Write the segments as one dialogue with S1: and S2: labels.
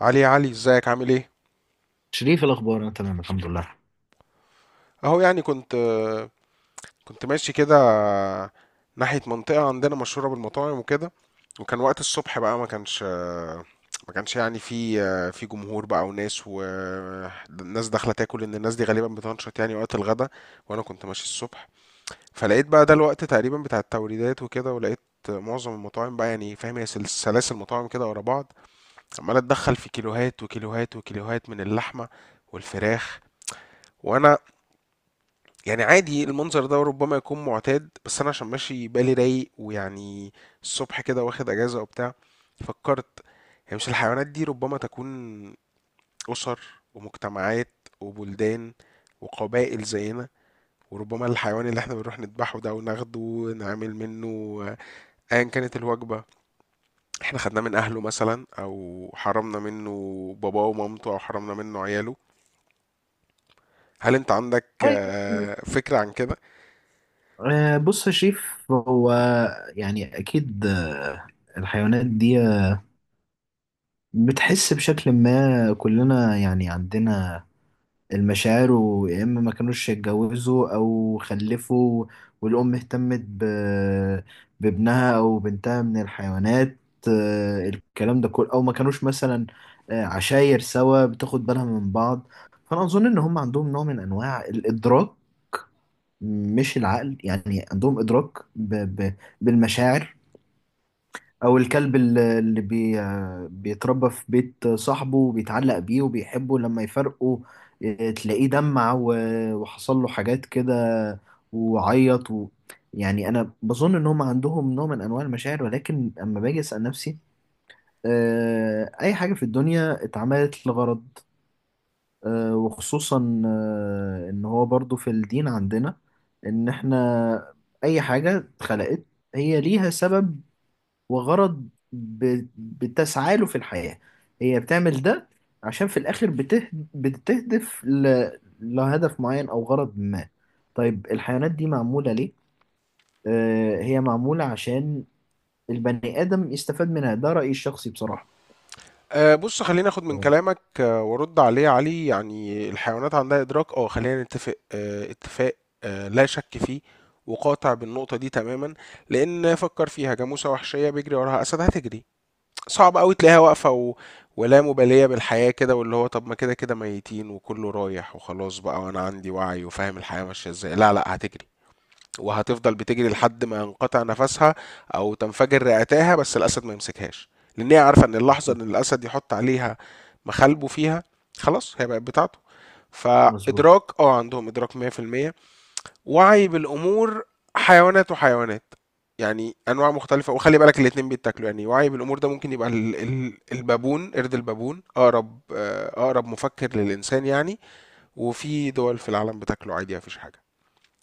S1: علي، ازيك؟ عامل ايه؟
S2: شريف، إيه الأخبار؟ أنا تمام الحمد لله.
S1: اهو يعني كنت ماشي كده ناحية منطقة عندنا مشهورة بالمطاعم وكده، وكان وقت الصبح بقى، ما كانش يعني في جمهور بقى وناس، والناس داخلة تاكل لأن الناس دي غالبا بتنشط يعني وقت الغدا. وأنا كنت ماشي الصبح، فلقيت بقى ده الوقت تقريبا بتاع التوريدات وكده، ولقيت معظم المطاعم بقى، يعني فاهم، هي سلاسل مطاعم كده ورا بعض، عمالة تدخل في كيلوهات وكيلوهات وكيلوهات من اللحمة والفراخ. وانا يعني عادي، المنظر ده ربما يكون معتاد، بس انا عشان ماشي بالي رايق ويعني الصبح كده واخد اجازة وبتاع، فكرت: هي مش الحيوانات دي ربما تكون اسر ومجتمعات وبلدان وقبائل زينا؟ وربما الحيوان اللي احنا بنروح نذبحه ده وناخده ونعمل منه ايا كانت الوجبة، احنا خدناه من اهله مثلا، او حرمنا منه باباه ومامته، او حرمنا منه عياله. هل انت عندك
S2: طيب،
S1: آه، فكرة عن كده؟
S2: بص يا شريف، هو يعني أكيد، الحيوانات دي بتحس بشكل ما، كلنا يعني عندنا المشاعر، ويا إما ما كانوش يتجوزوا أو خلفوا، والأم اهتمت بابنها أو بنتها من الحيوانات. الكلام ده كله، أو ما كانوش مثلا عشاير سوا بتاخد بالها من بعض. فأنا أظن إن هم عندهم نوع من أنواع الإدراك، مش العقل، يعني عندهم إدراك ب... ب... بالمشاعر. أو الكلب اللي بيتربى في بيت صاحبه وبيتعلق بيه وبيحبه، لما يفرقوا اه، تلاقيه دمع وحصل له حاجات كده، وعيط يعني أنا بظن إن هم عندهم نوع من أنواع المشاعر، ولكن أما باجي أسأل نفسي، اه، أي حاجة في الدنيا اتعملت لغرض، وخصوصا ان هو برضو في الدين عندنا ان احنا اي حاجة اتخلقت هي ليها سبب وغرض، بتسعى له في الحياة. هي بتعمل ده عشان في الاخر بتهدف لهدف معين او غرض ما. طيب، الحيوانات دي معمولة ليه؟ هي معمولة عشان البني آدم يستفاد منها، ده رأيي الشخصي بصراحة.
S1: آه، بص خليني اخد من
S2: مظبوط.
S1: كلامك آه، وارد عليه يا علي. يعني الحيوانات عندها ادراك، اه خلينا نتفق آه، اتفاق آه، لا شك فيه وقاطع بالنقطة دي تماما. لأن فكر فيها، جاموسة وحشية بيجري وراها أسد، هتجري. صعب أوي تلاقيها واقفة ولا مبالية بالحياة كده، واللي هو طب ما كده كده ميتين وكله رايح وخلاص بقى، وأنا عندي وعي وفاهم الحياة ماشية إزاي. لا، هتجري وهتفضل بتجري لحد ما ينقطع نفسها او تنفجر رئتاها، بس الاسد ما يمسكهاش. لان هي عارفه ان اللحظه ان الاسد يحط عليها مخالبه فيها، خلاص هي بقت بتاعته. فادراك،
S2: مظبوط.
S1: اه عندهم ادراك 100%، وعي بالامور. حيوانات وحيوانات يعني، انواع مختلفه، وخلي بالك الاتنين بيتاكلوا. يعني وعي بالامور ده ممكن يبقى البابون، قرد البابون اقرب آه، اقرب مفكر للانسان يعني، وفي دول في العالم بتاكله عادي مفيش حاجه،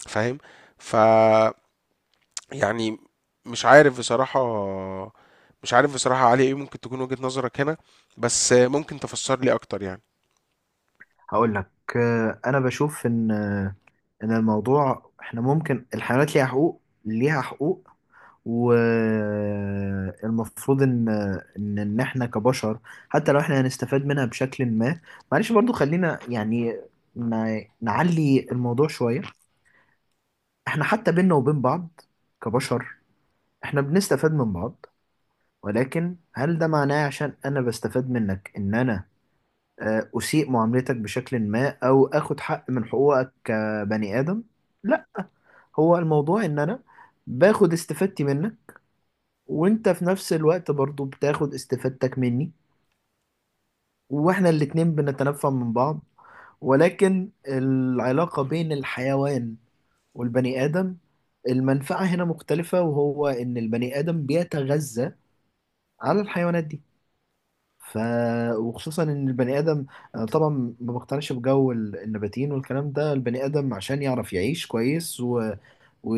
S1: فاهم؟ ف يعني مش عارف بصراحة، مش عارف بصراحة علي، ايه ممكن تكون وجهة نظرك هنا؟ بس ممكن تفسر لي اكتر يعني.
S2: هقول لك. انا بشوف ان الموضوع، احنا ممكن الحيوانات ليها حقوق، ليها حقوق. والمفروض ان احنا كبشر، حتى لو احنا هنستفاد منها بشكل ما، معلش برضو خلينا يعني نعلي الموضوع شوية. احنا حتى بينا وبين بعض كبشر، احنا بنستفاد من بعض. ولكن هل ده معناه، عشان انا بستفاد منك، ان انا أسيء معاملتك بشكل ما أو أخد حق من حقوقك كبني آدم؟ لا. هو الموضوع إن أنا باخد استفادتي منك، وأنت في نفس الوقت برضو بتاخد استفادتك مني، وإحنا الاتنين بنتنفع من بعض. ولكن العلاقة بين الحيوان والبني آدم، المنفعة هنا مختلفة، وهو إن البني آدم بيتغذى على الحيوانات دي. ف وخصوصا ان البني ادم، انا طبعا ما بقتنعش بجو النباتيين والكلام ده. البني ادم عشان يعرف يعيش كويس و...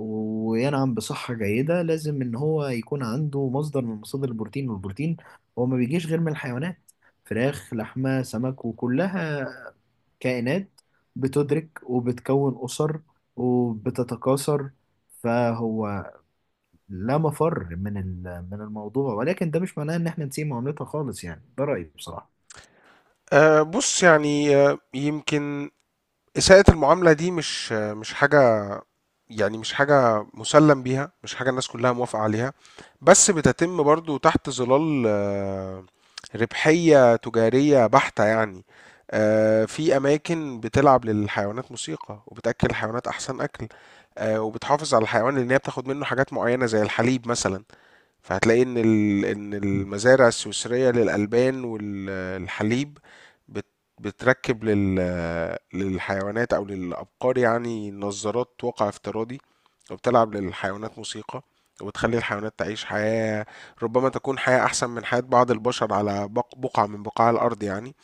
S2: وينعم بصحة جيدة، لازم ان هو يكون عنده مصدر من مصادر البروتين، والبروتين هو ما بيجيش غير من الحيوانات. فراخ، لحمة، سمك، وكلها كائنات بتدرك وبتكون أسر وبتتكاثر. فهو لا مفر من من الموضوع، ولكن ده مش معناه ان احنا نسيب معاملتها خالص، يعني ده رأيي بصراحة.
S1: أه بص يعني آه، يمكن إساءة المعاملة دي مش حاجة، يعني مش حاجة مسلم بيها، مش حاجة الناس كلها موافقة عليها، بس بتتم برضو تحت ظلال آه، ربحية تجارية بحتة يعني. آه، في أماكن بتلعب للحيوانات موسيقى وبتأكل الحيوانات أحسن أكل. آه، وبتحافظ على الحيوان لأن هي بتاخد منه حاجات معينة زي الحليب مثلا. فهتلاقي ان ان
S2: مم.
S1: المزارع السويسريه للالبان والحليب بت- بتركب للحيوانات او للابقار يعني نظارات واقع افتراضي، وبتلعب للحيوانات موسيقى، وبتخلي الحيوانات تعيش حياه ربما تكون حياه احسن من حياه بعض البشر على بقعه من بقاع الارض يعني،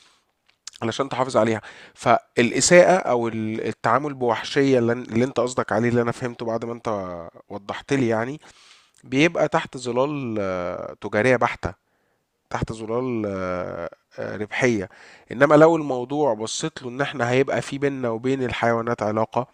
S1: علشان تحافظ عليها. فالاساءه او التعامل بوحشيه اللي اللي انت قصدك عليه اللي انا فهمته بعد ما انت وضحت لي يعني، بيبقى تحت ظلال آه، تجارية بحتة، تحت ظلال آه، آه، ربحية. انما لو الموضوع بصيت له ان احنا هيبقى في بيننا وبين الحيوانات علاقة،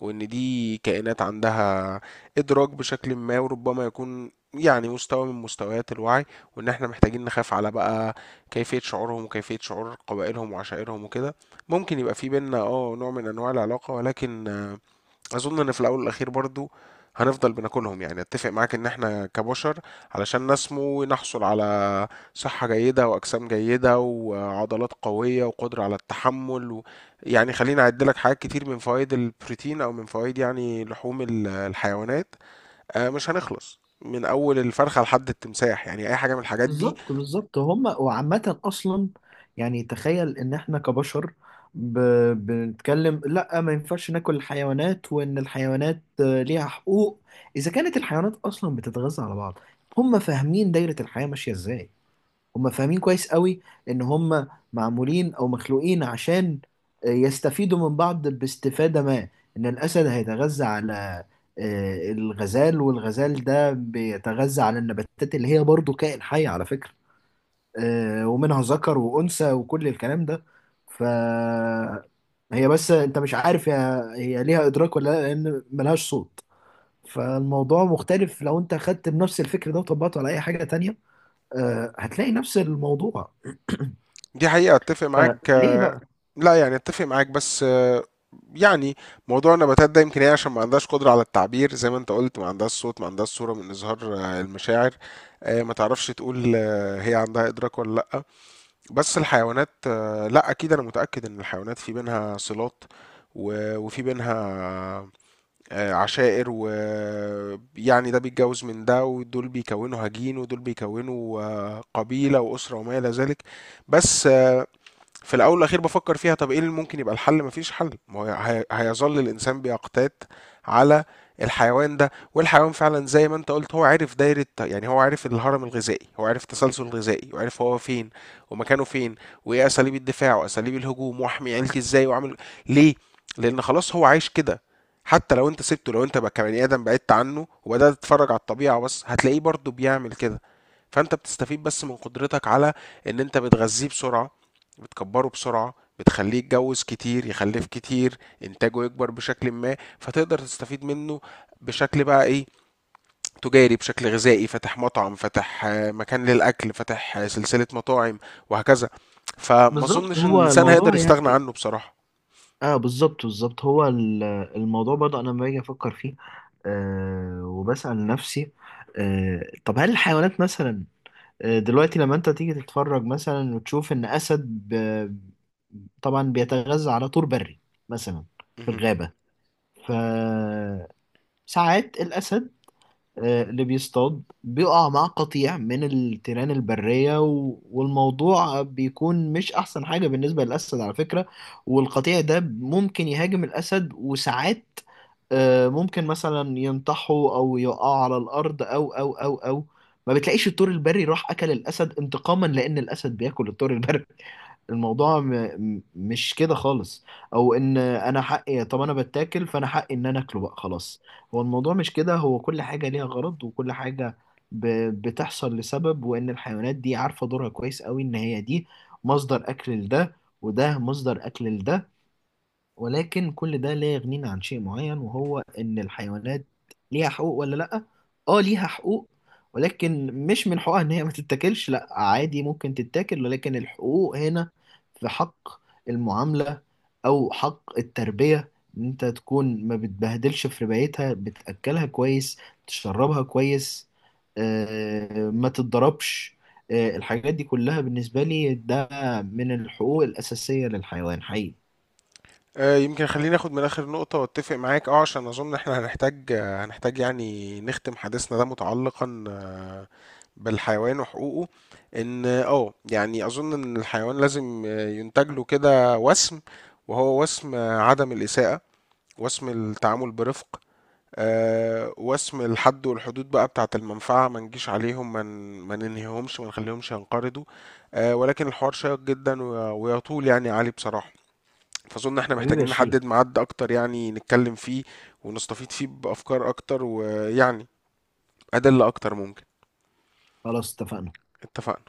S1: وان دي كائنات عندها ادراك بشكل ما، وربما يكون يعني مستوى من مستويات الوعي، وان احنا محتاجين نخاف على بقى كيفية شعورهم وكيفية شعور قبائلهم وعشائرهم وكده، ممكن يبقى في بيننا اه نوع من انواع العلاقة. ولكن آه، اظن ان في الاول والاخير برضو هنفضل بناكلهم. يعني اتفق معاك ان احنا كبشر علشان نسمو نحصل على صحة جيدة واجسام جيدة وعضلات قوية وقدرة على التحمل و... يعني خليني اعد لك حاجات كتير من فوائد البروتين او من فوائد يعني لحوم الحيوانات. آه، مش هنخلص من اول الفرخة لحد التمساح، يعني اي حاجة من الحاجات دي.
S2: بالظبط، بالظبط. هما وعامة أصلا، يعني تخيل إن إحنا كبشر ب... بنتكلم لأ، ما ينفعش ناكل الحيوانات وإن الحيوانات ليها حقوق. إذا كانت الحيوانات أصلا بتتغذى على بعض، هما فاهمين دايرة الحياة ماشية إزاي. هم فاهمين كويس قوي ان هم معمولين او مخلوقين عشان يستفيدوا من بعض باستفادة ما. ان الاسد هيتغذى على الغزال، والغزال ده بيتغذى على النباتات اللي هي برضو كائن حي على فكرة. ومنها ذكر وانثى وكل الكلام ده. ف هي بس انت مش عارف، هي ليها ادراك ولا لا، لان ملهاش صوت. فالموضوع مختلف لو انت خدت بنفس الفكر ده وطبقته على اي حاجة تانية، هتلاقي نفس الموضوع.
S1: دي حقيقة، اتفق معاك.
S2: ليه بقى؟
S1: لا يعني اتفق معاك بس آه، يعني موضوع النباتات ده، يمكن هي عشان ما عندهاش قدرة على التعبير زي ما انت قلت، ما عندهاش صوت، ما عندهاش صورة من إظهار آه، المشاعر، آه، ما تعرفش تقول آه، هي عندها إدراك ولا لأ. بس الحيوانات آه، لأ أكيد أنا متأكد إن الحيوانات في بينها صلات، وفي بينها آه، عشائر ويعني ده بيتجوز من ده، ودول بيكونوا هجين، ودول بيكونوا آه، قبيلة وأسرة وما إلى ذلك. بس في الاول والاخير بفكر فيها، طب ايه اللي ممكن يبقى الحل؟ مفيش حل، ما هو هيظل الانسان بيقتات على الحيوان ده. والحيوان فعلا زي ما انت قلت، هو عارف دايرة يعني، هو عارف الهرم الغذائي، هو عارف التسلسل الغذائي، وعارف هو فين ومكانه فين، وايه اساليب الدفاع واساليب الهجوم، واحمي عيلتي ازاي، واعمل ليه، لان خلاص هو عايش كده. حتى لو انت سبته، لو انت بقى كبني ادم بعدت عنه وبدات تتفرج على الطبيعه بس، هتلاقيه برضه بيعمل كده. فانت بتستفيد بس من قدرتك على ان انت بتغذيه بسرعه، بتكبره بسرعة، بتخليه يتجوز كتير، يخلف كتير، انتاجه يكبر بشكل ما، فتقدر تستفيد منه بشكل بقى ايه، تجاري، بشكل غذائي، فاتح مطعم، فاتح آه، مكان للأكل، فاتح آه، سلسلة مطاعم، وهكذا. فما
S2: بالظبط،
S1: اظنش ان
S2: هو
S1: الانسان هيقدر
S2: الموضوع
S1: يستغنى
S2: يعني،
S1: عنه بصراحة.
S2: اه بالظبط، بالظبط، هو الموضوع برضه انا لما باجي افكر فيه، وبسأل نفسي، طب هل الحيوانات مثلا دلوقتي لما انت تيجي تتفرج مثلا وتشوف ان اسد طبعا بيتغذى على طور بري مثلا في
S1: مهم.
S2: الغابة. فساعات الاسد، اللي بيصطاد، بيقع مع قطيع من التيران البرية، والموضوع بيكون مش أحسن حاجة بالنسبة للأسد على فكرة. والقطيع ده ممكن يهاجم الأسد، وساعات ممكن مثلا ينطحه أو يقع على الأرض أو أو أو أو ما بتلاقيش الطور البري راح أكل الأسد انتقاما لأن الأسد بياكل الطور البري. الموضوع مش كده خالص. او ان انا حقي، طب انا بتاكل فانا حقي ان انا اكله بقى خلاص. هو الموضوع مش كده. هو كل حاجة ليها غرض، وكل حاجة ب... بتحصل لسبب، وان الحيوانات دي عارفة دورها كويس قوي، ان هي دي مصدر اكل لده، وده مصدر اكل لده. ولكن كل ده لا يغنينا عن شيء معين، وهو ان الحيوانات ليها حقوق ولا لا؟ اه، ليها حقوق. ولكن مش من حقوقها ان هي ما تتاكلش، لا عادي، ممكن تتاكل، ولكن الحقوق هنا في حق المعاملة، او حق التربية، ان انت تكون ما بتبهدلش في ربايتها، بتاكلها كويس، تشربها كويس، ما تتضربش. الحاجات دي كلها بالنسبة لي ده من الحقوق الأساسية للحيوان حقيقي.
S1: آه، يمكن خليني اخد من اخر نقطة واتفق معاك اه، عشان اظن احنا هنحتاج آه، هنحتاج يعني نختم حديثنا ده متعلقا آه، بالحيوان وحقوقه. ان اه يعني اظن ان الحيوان لازم ينتج له كده وسم، وهو وسم عدم الاساءة، وسم التعامل برفق، آه، وسم الحد والحدود بقى بتاعة المنفعة، ما نجيش عليهم، ما ننهيهمش، ما نخليهمش ينقرضوا. آه، ولكن الحوار شيق جدا ويطول يعني علي بصراحة، فأظن احنا
S2: حبيبي يا
S1: محتاجين نحدد
S2: شريف.
S1: ميعاد أكتر يعني نتكلم فيه ونستفيد فيه بأفكار أكتر، ويعني أدلة أكتر ممكن.
S2: خلاص، اتفقنا.
S1: اتفقنا.